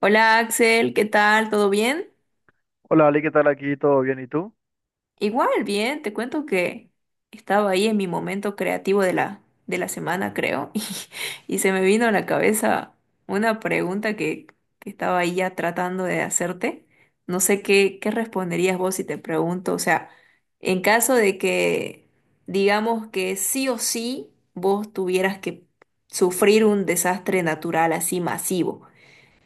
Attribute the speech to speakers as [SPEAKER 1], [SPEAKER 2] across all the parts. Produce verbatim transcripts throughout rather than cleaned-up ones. [SPEAKER 1] Hola Axel, ¿qué tal? ¿Todo bien?
[SPEAKER 2] Hola, Ale, ¿qué tal aquí? ¿Todo bien? ¿Y tú?
[SPEAKER 1] Igual, bien, te cuento que estaba ahí en mi momento creativo de la, de la semana, creo, y, y se me vino a la cabeza una pregunta que, que estaba ahí ya tratando de hacerte. No sé qué, qué responderías vos si te pregunto, o sea, en caso de que digamos que sí o sí vos tuvieras que sufrir un desastre natural así masivo.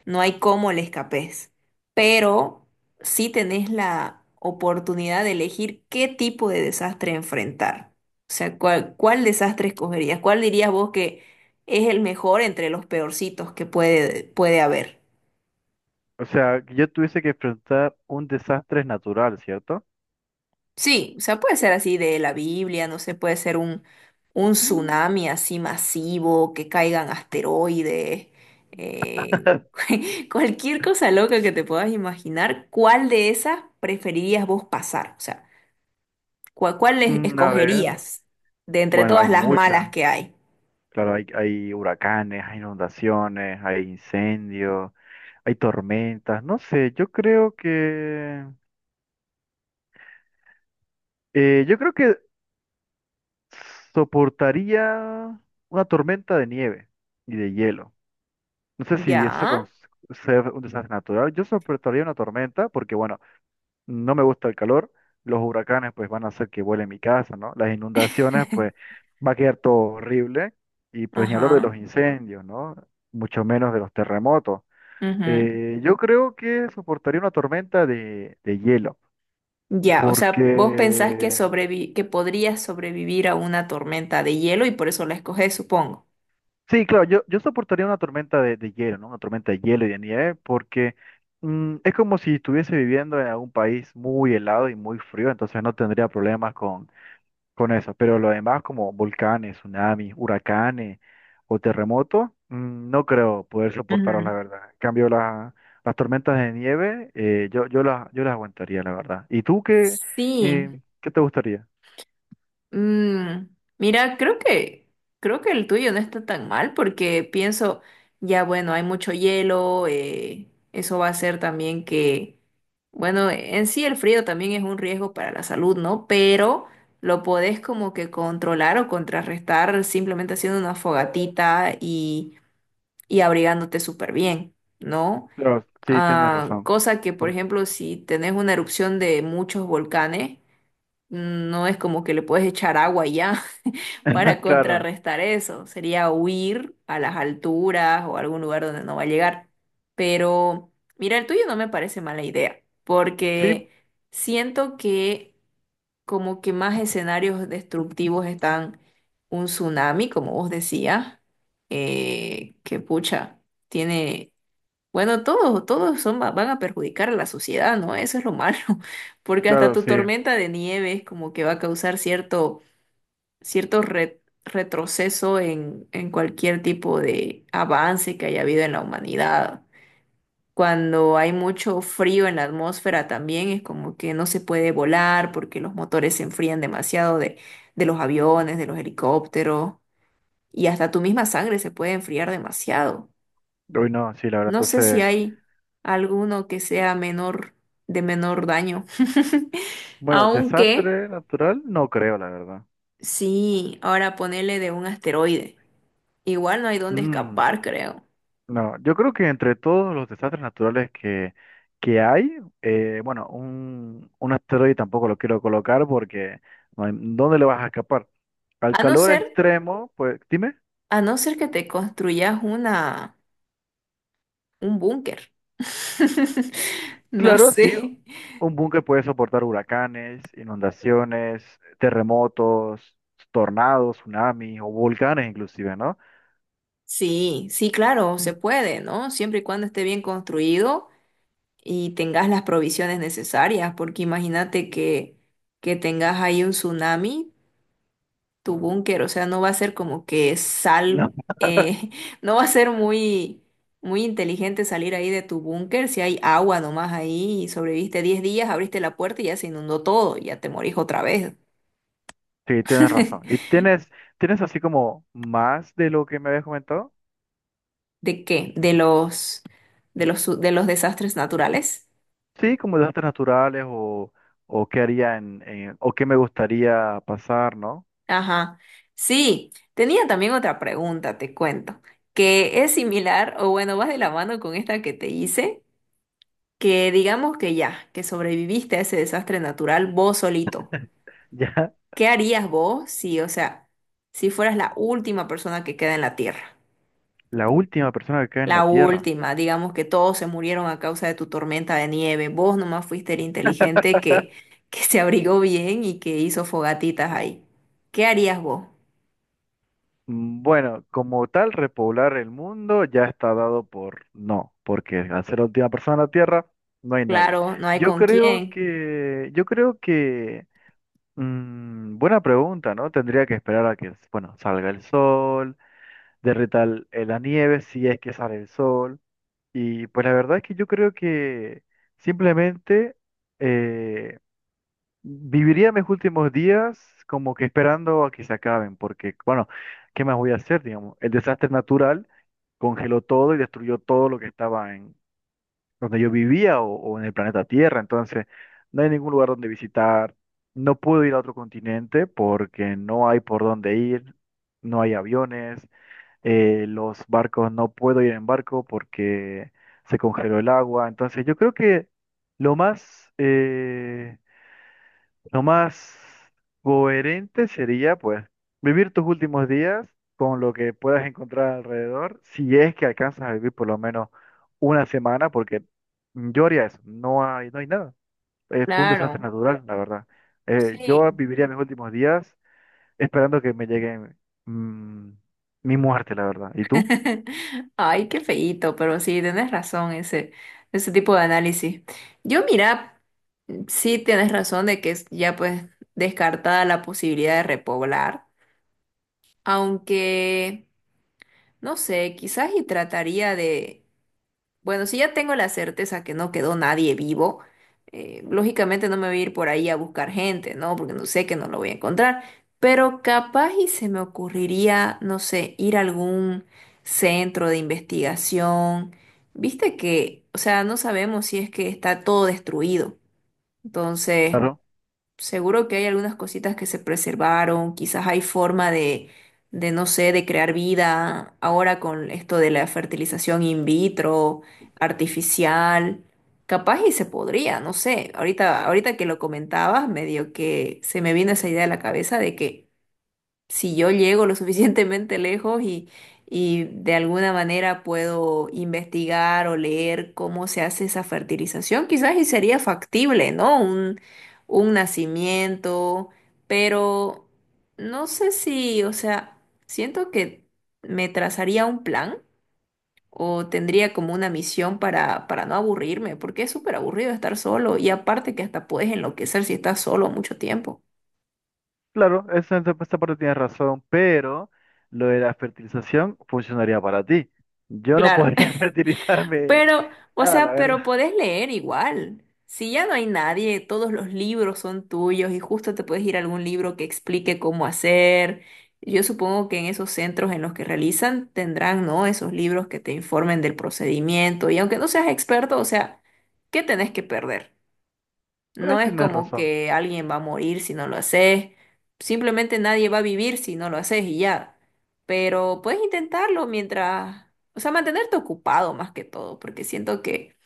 [SPEAKER 1] No hay cómo le escapes, pero sí tenés la oportunidad de elegir qué tipo de desastre enfrentar. O sea, cuál, cuál desastre escogerías, cuál dirías vos que es el mejor entre los peorcitos que puede, puede haber.
[SPEAKER 2] O sea, que yo tuviese que enfrentar un desastre natural, ¿cierto?
[SPEAKER 1] Sí, o sea, puede ser así de la Biblia, no sé, puede ser un, un
[SPEAKER 2] Mm.
[SPEAKER 1] tsunami así masivo, que caigan asteroides, eh, cualquier cosa loca que te puedas imaginar, ¿cuál de esas preferirías vos pasar? O sea, ¿cuál, cuál es-
[SPEAKER 2] Mm, a ver,
[SPEAKER 1] escogerías de entre
[SPEAKER 2] bueno, hay
[SPEAKER 1] todas las
[SPEAKER 2] muchas.
[SPEAKER 1] malas que hay?
[SPEAKER 2] Claro, hay, hay huracanes, hay inundaciones, hay incendios, hay tormentas. No sé, yo creo que eh, yo creo que soportaría una tormenta de nieve y de hielo. No sé si eso
[SPEAKER 1] Ya.
[SPEAKER 2] con ser un desastre natural. Yo soportaría una tormenta porque, bueno, no me gusta el calor, los huracanes pues van a hacer que vuele mi casa, ¿no? Las inundaciones pues va a quedar todo horrible y pues ni hablar de
[SPEAKER 1] Ajá.
[SPEAKER 2] los incendios, ¿no? Mucho menos de los terremotos.
[SPEAKER 1] Ujú.
[SPEAKER 2] Eh, yo creo que soportaría una tormenta de, de hielo,
[SPEAKER 1] Ya, o sea, vos pensás que
[SPEAKER 2] porque
[SPEAKER 1] sobrevi- que podrías sobrevivir a una tormenta de hielo y por eso la escogés, supongo.
[SPEAKER 2] sí, claro, yo, yo soportaría una tormenta de, de hielo, ¿no? Una tormenta de hielo y de nieve, porque mm, es como si estuviese viviendo en algún país muy helado y muy frío, entonces no tendría problemas con con eso, pero lo demás como volcanes, tsunamis, huracanes o terremotos, mm, no creo poder soportarlos, la verdad. En cambio, la- las tormentas de nieve, eh, yo, yo las, yo las aguantaría, la verdad. ¿Y tú qué,
[SPEAKER 1] Sí,
[SPEAKER 2] eh, qué te gustaría?
[SPEAKER 1] mm, mira, creo que creo que el tuyo no está tan mal porque pienso, ya bueno, hay mucho hielo, eh, eso va a hacer también que, bueno, en sí el frío también es un riesgo para la salud, ¿no? Pero lo podés como que controlar o contrarrestar simplemente haciendo una fogatita y, y abrigándote súper bien, ¿no?
[SPEAKER 2] Claro, sí, tienes
[SPEAKER 1] Ah,
[SPEAKER 2] razón.
[SPEAKER 1] cosa que, por
[SPEAKER 2] Por-
[SPEAKER 1] ejemplo, si tenés una erupción de muchos volcanes, no es como que le puedes echar agua y ya para
[SPEAKER 2] Claro,
[SPEAKER 1] contrarrestar eso. Sería huir a las alturas o a algún lugar donde no va a llegar. Pero mira, el tuyo no me parece mala idea,
[SPEAKER 2] sí,
[SPEAKER 1] porque siento que como que más escenarios destructivos están un tsunami, como vos decías, eh, que pucha, tiene bueno, todos, todos son, va- van a perjudicar a la sociedad, ¿no? Eso es lo malo, porque hasta
[SPEAKER 2] claro,
[SPEAKER 1] tu
[SPEAKER 2] sí.
[SPEAKER 1] tormenta de nieve es como que va a causar cierto, cierto re- retroceso en, en cualquier tipo de avance que haya habido en la humanidad. Cuando hay mucho frío en la atmósfera también es como que no se puede volar porque los motores se enfrían demasiado de, de los aviones, de los helicópteros, y hasta tu misma sangre se puede enfriar demasiado.
[SPEAKER 2] Uy, no, sí, la verdad.
[SPEAKER 1] No sé si
[SPEAKER 2] Entonces,
[SPEAKER 1] hay alguno que sea menor, de menor daño.
[SPEAKER 2] bueno,
[SPEAKER 1] Aunque,
[SPEAKER 2] desastre natural, no creo, la verdad.
[SPEAKER 1] sí, ahora ponele de un asteroide. Igual no hay dónde
[SPEAKER 2] Mm.
[SPEAKER 1] escapar, creo.
[SPEAKER 2] No, yo creo que entre todos los desastres naturales que, que hay, eh, bueno, un, un asteroide tampoco lo quiero colocar porque no hay, ¿dónde le vas a escapar? Al
[SPEAKER 1] A no
[SPEAKER 2] calor
[SPEAKER 1] ser,
[SPEAKER 2] extremo, pues dime,
[SPEAKER 1] a no ser que te construyas una, un búnker. No
[SPEAKER 2] claro, sí,
[SPEAKER 1] sé.
[SPEAKER 2] un búnker puede soportar huracanes, inundaciones, terremotos, tornados, tsunamis o volcanes inclusive, ¿no?
[SPEAKER 1] Sí, sí, claro, se puede, ¿no? Siempre y cuando esté bien construido y tengas las provisiones necesarias, porque imagínate que, que tengas ahí un tsunami. Tu búnker, o sea, no va a ser como que sal,
[SPEAKER 2] No,
[SPEAKER 1] eh, no va a ser muy, muy inteligente salir ahí de tu búnker si hay agua nomás ahí y sobreviviste diez días, abriste la puerta y ya se inundó todo, ya te morís otra vez.
[SPEAKER 2] sí, tienes razón. ¿Y tienes, tienes así como más de lo que me habías comentado?
[SPEAKER 1] ¿De qué? De los, de los, su- de los desastres naturales.
[SPEAKER 2] Sí, como de artes naturales o, o qué haría en, en- o qué me gustaría pasar, ¿no?
[SPEAKER 1] Ajá. Sí, tenía también otra pregunta, te cuento, que es similar, o bueno, vas de la mano con esta que te hice que digamos que ya, que sobreviviste a ese desastre natural vos solito.
[SPEAKER 2] Ya
[SPEAKER 1] ¿Qué harías vos si, o sea, si fueras la última persona que queda en la Tierra?
[SPEAKER 2] la última persona que cae en la
[SPEAKER 1] La
[SPEAKER 2] Tierra.
[SPEAKER 1] última, digamos que todos se murieron a causa de tu tormenta de nieve, vos nomás fuiste el inteligente que, que se abrigó bien y que hizo fogatitas ahí. ¿Qué harías vos?
[SPEAKER 2] Mm, Bueno, como tal, repoblar el mundo ya está dado por no, porque al ser la última persona en la Tierra, no hay nadie.
[SPEAKER 1] Claro, no hay
[SPEAKER 2] Yo
[SPEAKER 1] con
[SPEAKER 2] creo
[SPEAKER 1] quién.
[SPEAKER 2] que, yo creo que, mm, buena pregunta, ¿no? Tendría que esperar a que, bueno, salga el sol, derrita el- la nieve si es que sale el sol. Y pues la verdad es que yo creo que simplemente eh, viviría mis últimos días como que esperando a que se acaben, porque bueno, ¿qué más voy a hacer? Digamos, el desastre natural congeló todo y destruyó todo lo que estaba en donde yo vivía o, o en el planeta Tierra, entonces no hay ningún lugar donde visitar, no puedo ir a otro continente porque no hay por dónde ir, no hay aviones, eh, los barcos no puedo ir en barco porque se congeló el agua. Entonces yo creo que lo más, eh, lo más coherente sería pues vivir tus últimos días con lo que puedas encontrar alrededor, si es que alcanzas a vivir por lo menos una semana, porque yo haría eso, no hay, no hay nada. Eh, fue un desastre
[SPEAKER 1] Claro,
[SPEAKER 2] natural, la verdad. Eh, yo
[SPEAKER 1] sí.
[SPEAKER 2] viviría mis últimos días esperando que me llegue mm, mi muerte, la verdad. ¿Y tú?
[SPEAKER 1] Ay, qué feíto, pero sí, tienes razón ese, ese tipo de análisis. Yo mira, sí tienes razón de que es ya pues descartada la posibilidad de repoblar, aunque, no sé, quizás y trataría de bueno, si ya tengo la certeza que no quedó nadie vivo, eh, lógicamente no me voy a ir por ahí a buscar gente, ¿no? Porque no sé que no lo voy a encontrar. Pero capaz y se me ocurriría, no sé, ir a algún centro de investigación. Viste que, o sea, no sabemos si es que está todo destruido. Entonces, seguro que hay algunas cositas que se preservaron, quizás hay forma de, de, no sé, de crear vida ahora con esto de la fertilización in vitro, artificial, capaz y se podría, no sé, ahorita, ahorita que lo comentabas, medio que se me vino esa idea a la cabeza de que si yo llego lo suficientemente lejos y, y de alguna manera puedo investigar o leer cómo se hace esa fertilización, quizás y sería factible, ¿no? Un, un nacimiento, pero no sé si, o sea, siento que me trazaría un plan. O tendría como una misión para, para no aburrirme, porque es súper aburrido estar solo y aparte que hasta puedes enloquecer si estás solo mucho tiempo.
[SPEAKER 2] Claro, esa, esa esa parte tienes razón, pero lo de la fertilización funcionaría para ti. Yo no
[SPEAKER 1] Claro,
[SPEAKER 2] podría fertilizarme
[SPEAKER 1] pero, o
[SPEAKER 2] nada, la
[SPEAKER 1] sea,
[SPEAKER 2] verdad.
[SPEAKER 1] pero podés leer igual. Si ya no hay nadie, todos los libros son tuyos y justo te puedes ir a algún libro que explique cómo hacer. Yo supongo que en esos centros en los que realizan tendrán, ¿no? Esos libros que te informen del procedimiento. Y aunque no seas experto, o sea, ¿qué tenés que perder? No
[SPEAKER 2] Pues
[SPEAKER 1] es
[SPEAKER 2] tienes
[SPEAKER 1] como
[SPEAKER 2] razón.
[SPEAKER 1] que alguien va a morir si no lo haces. Simplemente nadie va a vivir si no lo haces y ya. Pero puedes intentarlo mientras, o sea, mantenerte ocupado más que todo, porque siento que,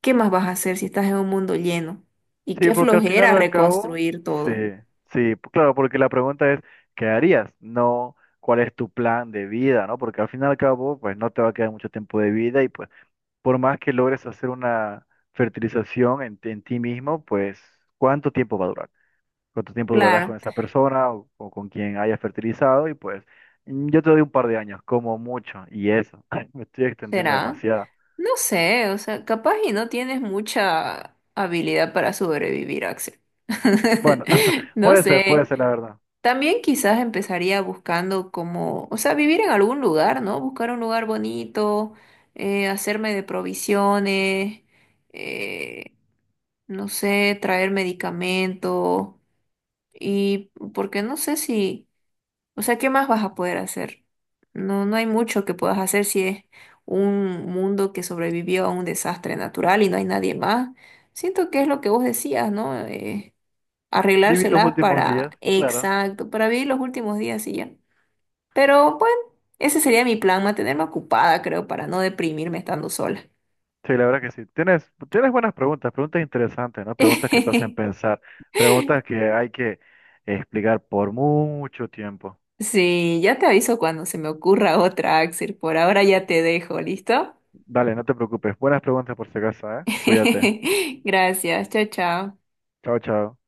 [SPEAKER 1] ¿qué más vas a hacer si estás en un mundo lleno? Y
[SPEAKER 2] Sí,
[SPEAKER 1] qué
[SPEAKER 2] porque al final
[SPEAKER 1] flojera
[SPEAKER 2] al cabo,
[SPEAKER 1] reconstruir
[SPEAKER 2] sí,
[SPEAKER 1] todo.
[SPEAKER 2] sí, p- claro, porque la pregunta es, ¿qué harías? No, ¿cuál es tu plan de vida, no? Porque al final al cabo, pues no te va a quedar mucho tiempo de vida y pues por más que logres hacer una fertilización en, ti en ti mismo, pues ¿cuánto tiempo va a durar? Cuánto tiempo durarás con
[SPEAKER 1] Claro,
[SPEAKER 2] esa persona o, o con quien hayas fertilizado y pues mm, yo te doy un par de años, como mucho, y eso, me estoy extendiendo
[SPEAKER 1] será.
[SPEAKER 2] demasiado.
[SPEAKER 1] No sé, o sea, capaz y no tienes mucha habilidad para sobrevivir, Axel.
[SPEAKER 2] Bueno,
[SPEAKER 1] No
[SPEAKER 2] puede ser, puede
[SPEAKER 1] sé.
[SPEAKER 2] ser la verdad.
[SPEAKER 1] También quizás empezaría buscando como, o sea, vivir en algún lugar, ¿no? Buscar un lugar bonito, eh, hacerme de provisiones, eh, no sé, traer medicamento y porque no sé si, o sea, ¿qué más vas a poder hacer? No, no hay mucho que puedas hacer si es un mundo que sobrevivió a un desastre natural y no hay nadie más. Siento que es lo que vos decías, ¿no? Eh,
[SPEAKER 2] Viví los
[SPEAKER 1] arreglárselas
[SPEAKER 2] últimos
[SPEAKER 1] para,
[SPEAKER 2] días, claro.
[SPEAKER 1] exacto, para vivir los últimos días y ya. Pero bueno, ese sería mi plan, mantenerme ocupada, creo, para no deprimirme estando sola.
[SPEAKER 2] Sí, la verdad que sí. Tienes, tienes buenas preguntas, preguntas interesantes, ¿no? Preguntas que te hacen pensar, preguntas que hay que explicar por mucho tiempo.
[SPEAKER 1] Sí, ya te aviso cuando se me ocurra otra, Axel. Por ahora ya te dejo, ¿listo?
[SPEAKER 2] Dale, no te preocupes. Buenas preguntas por si acaso, ¿eh? Cuídate.
[SPEAKER 1] Gracias, chao, chao.
[SPEAKER 2] Chao, chao.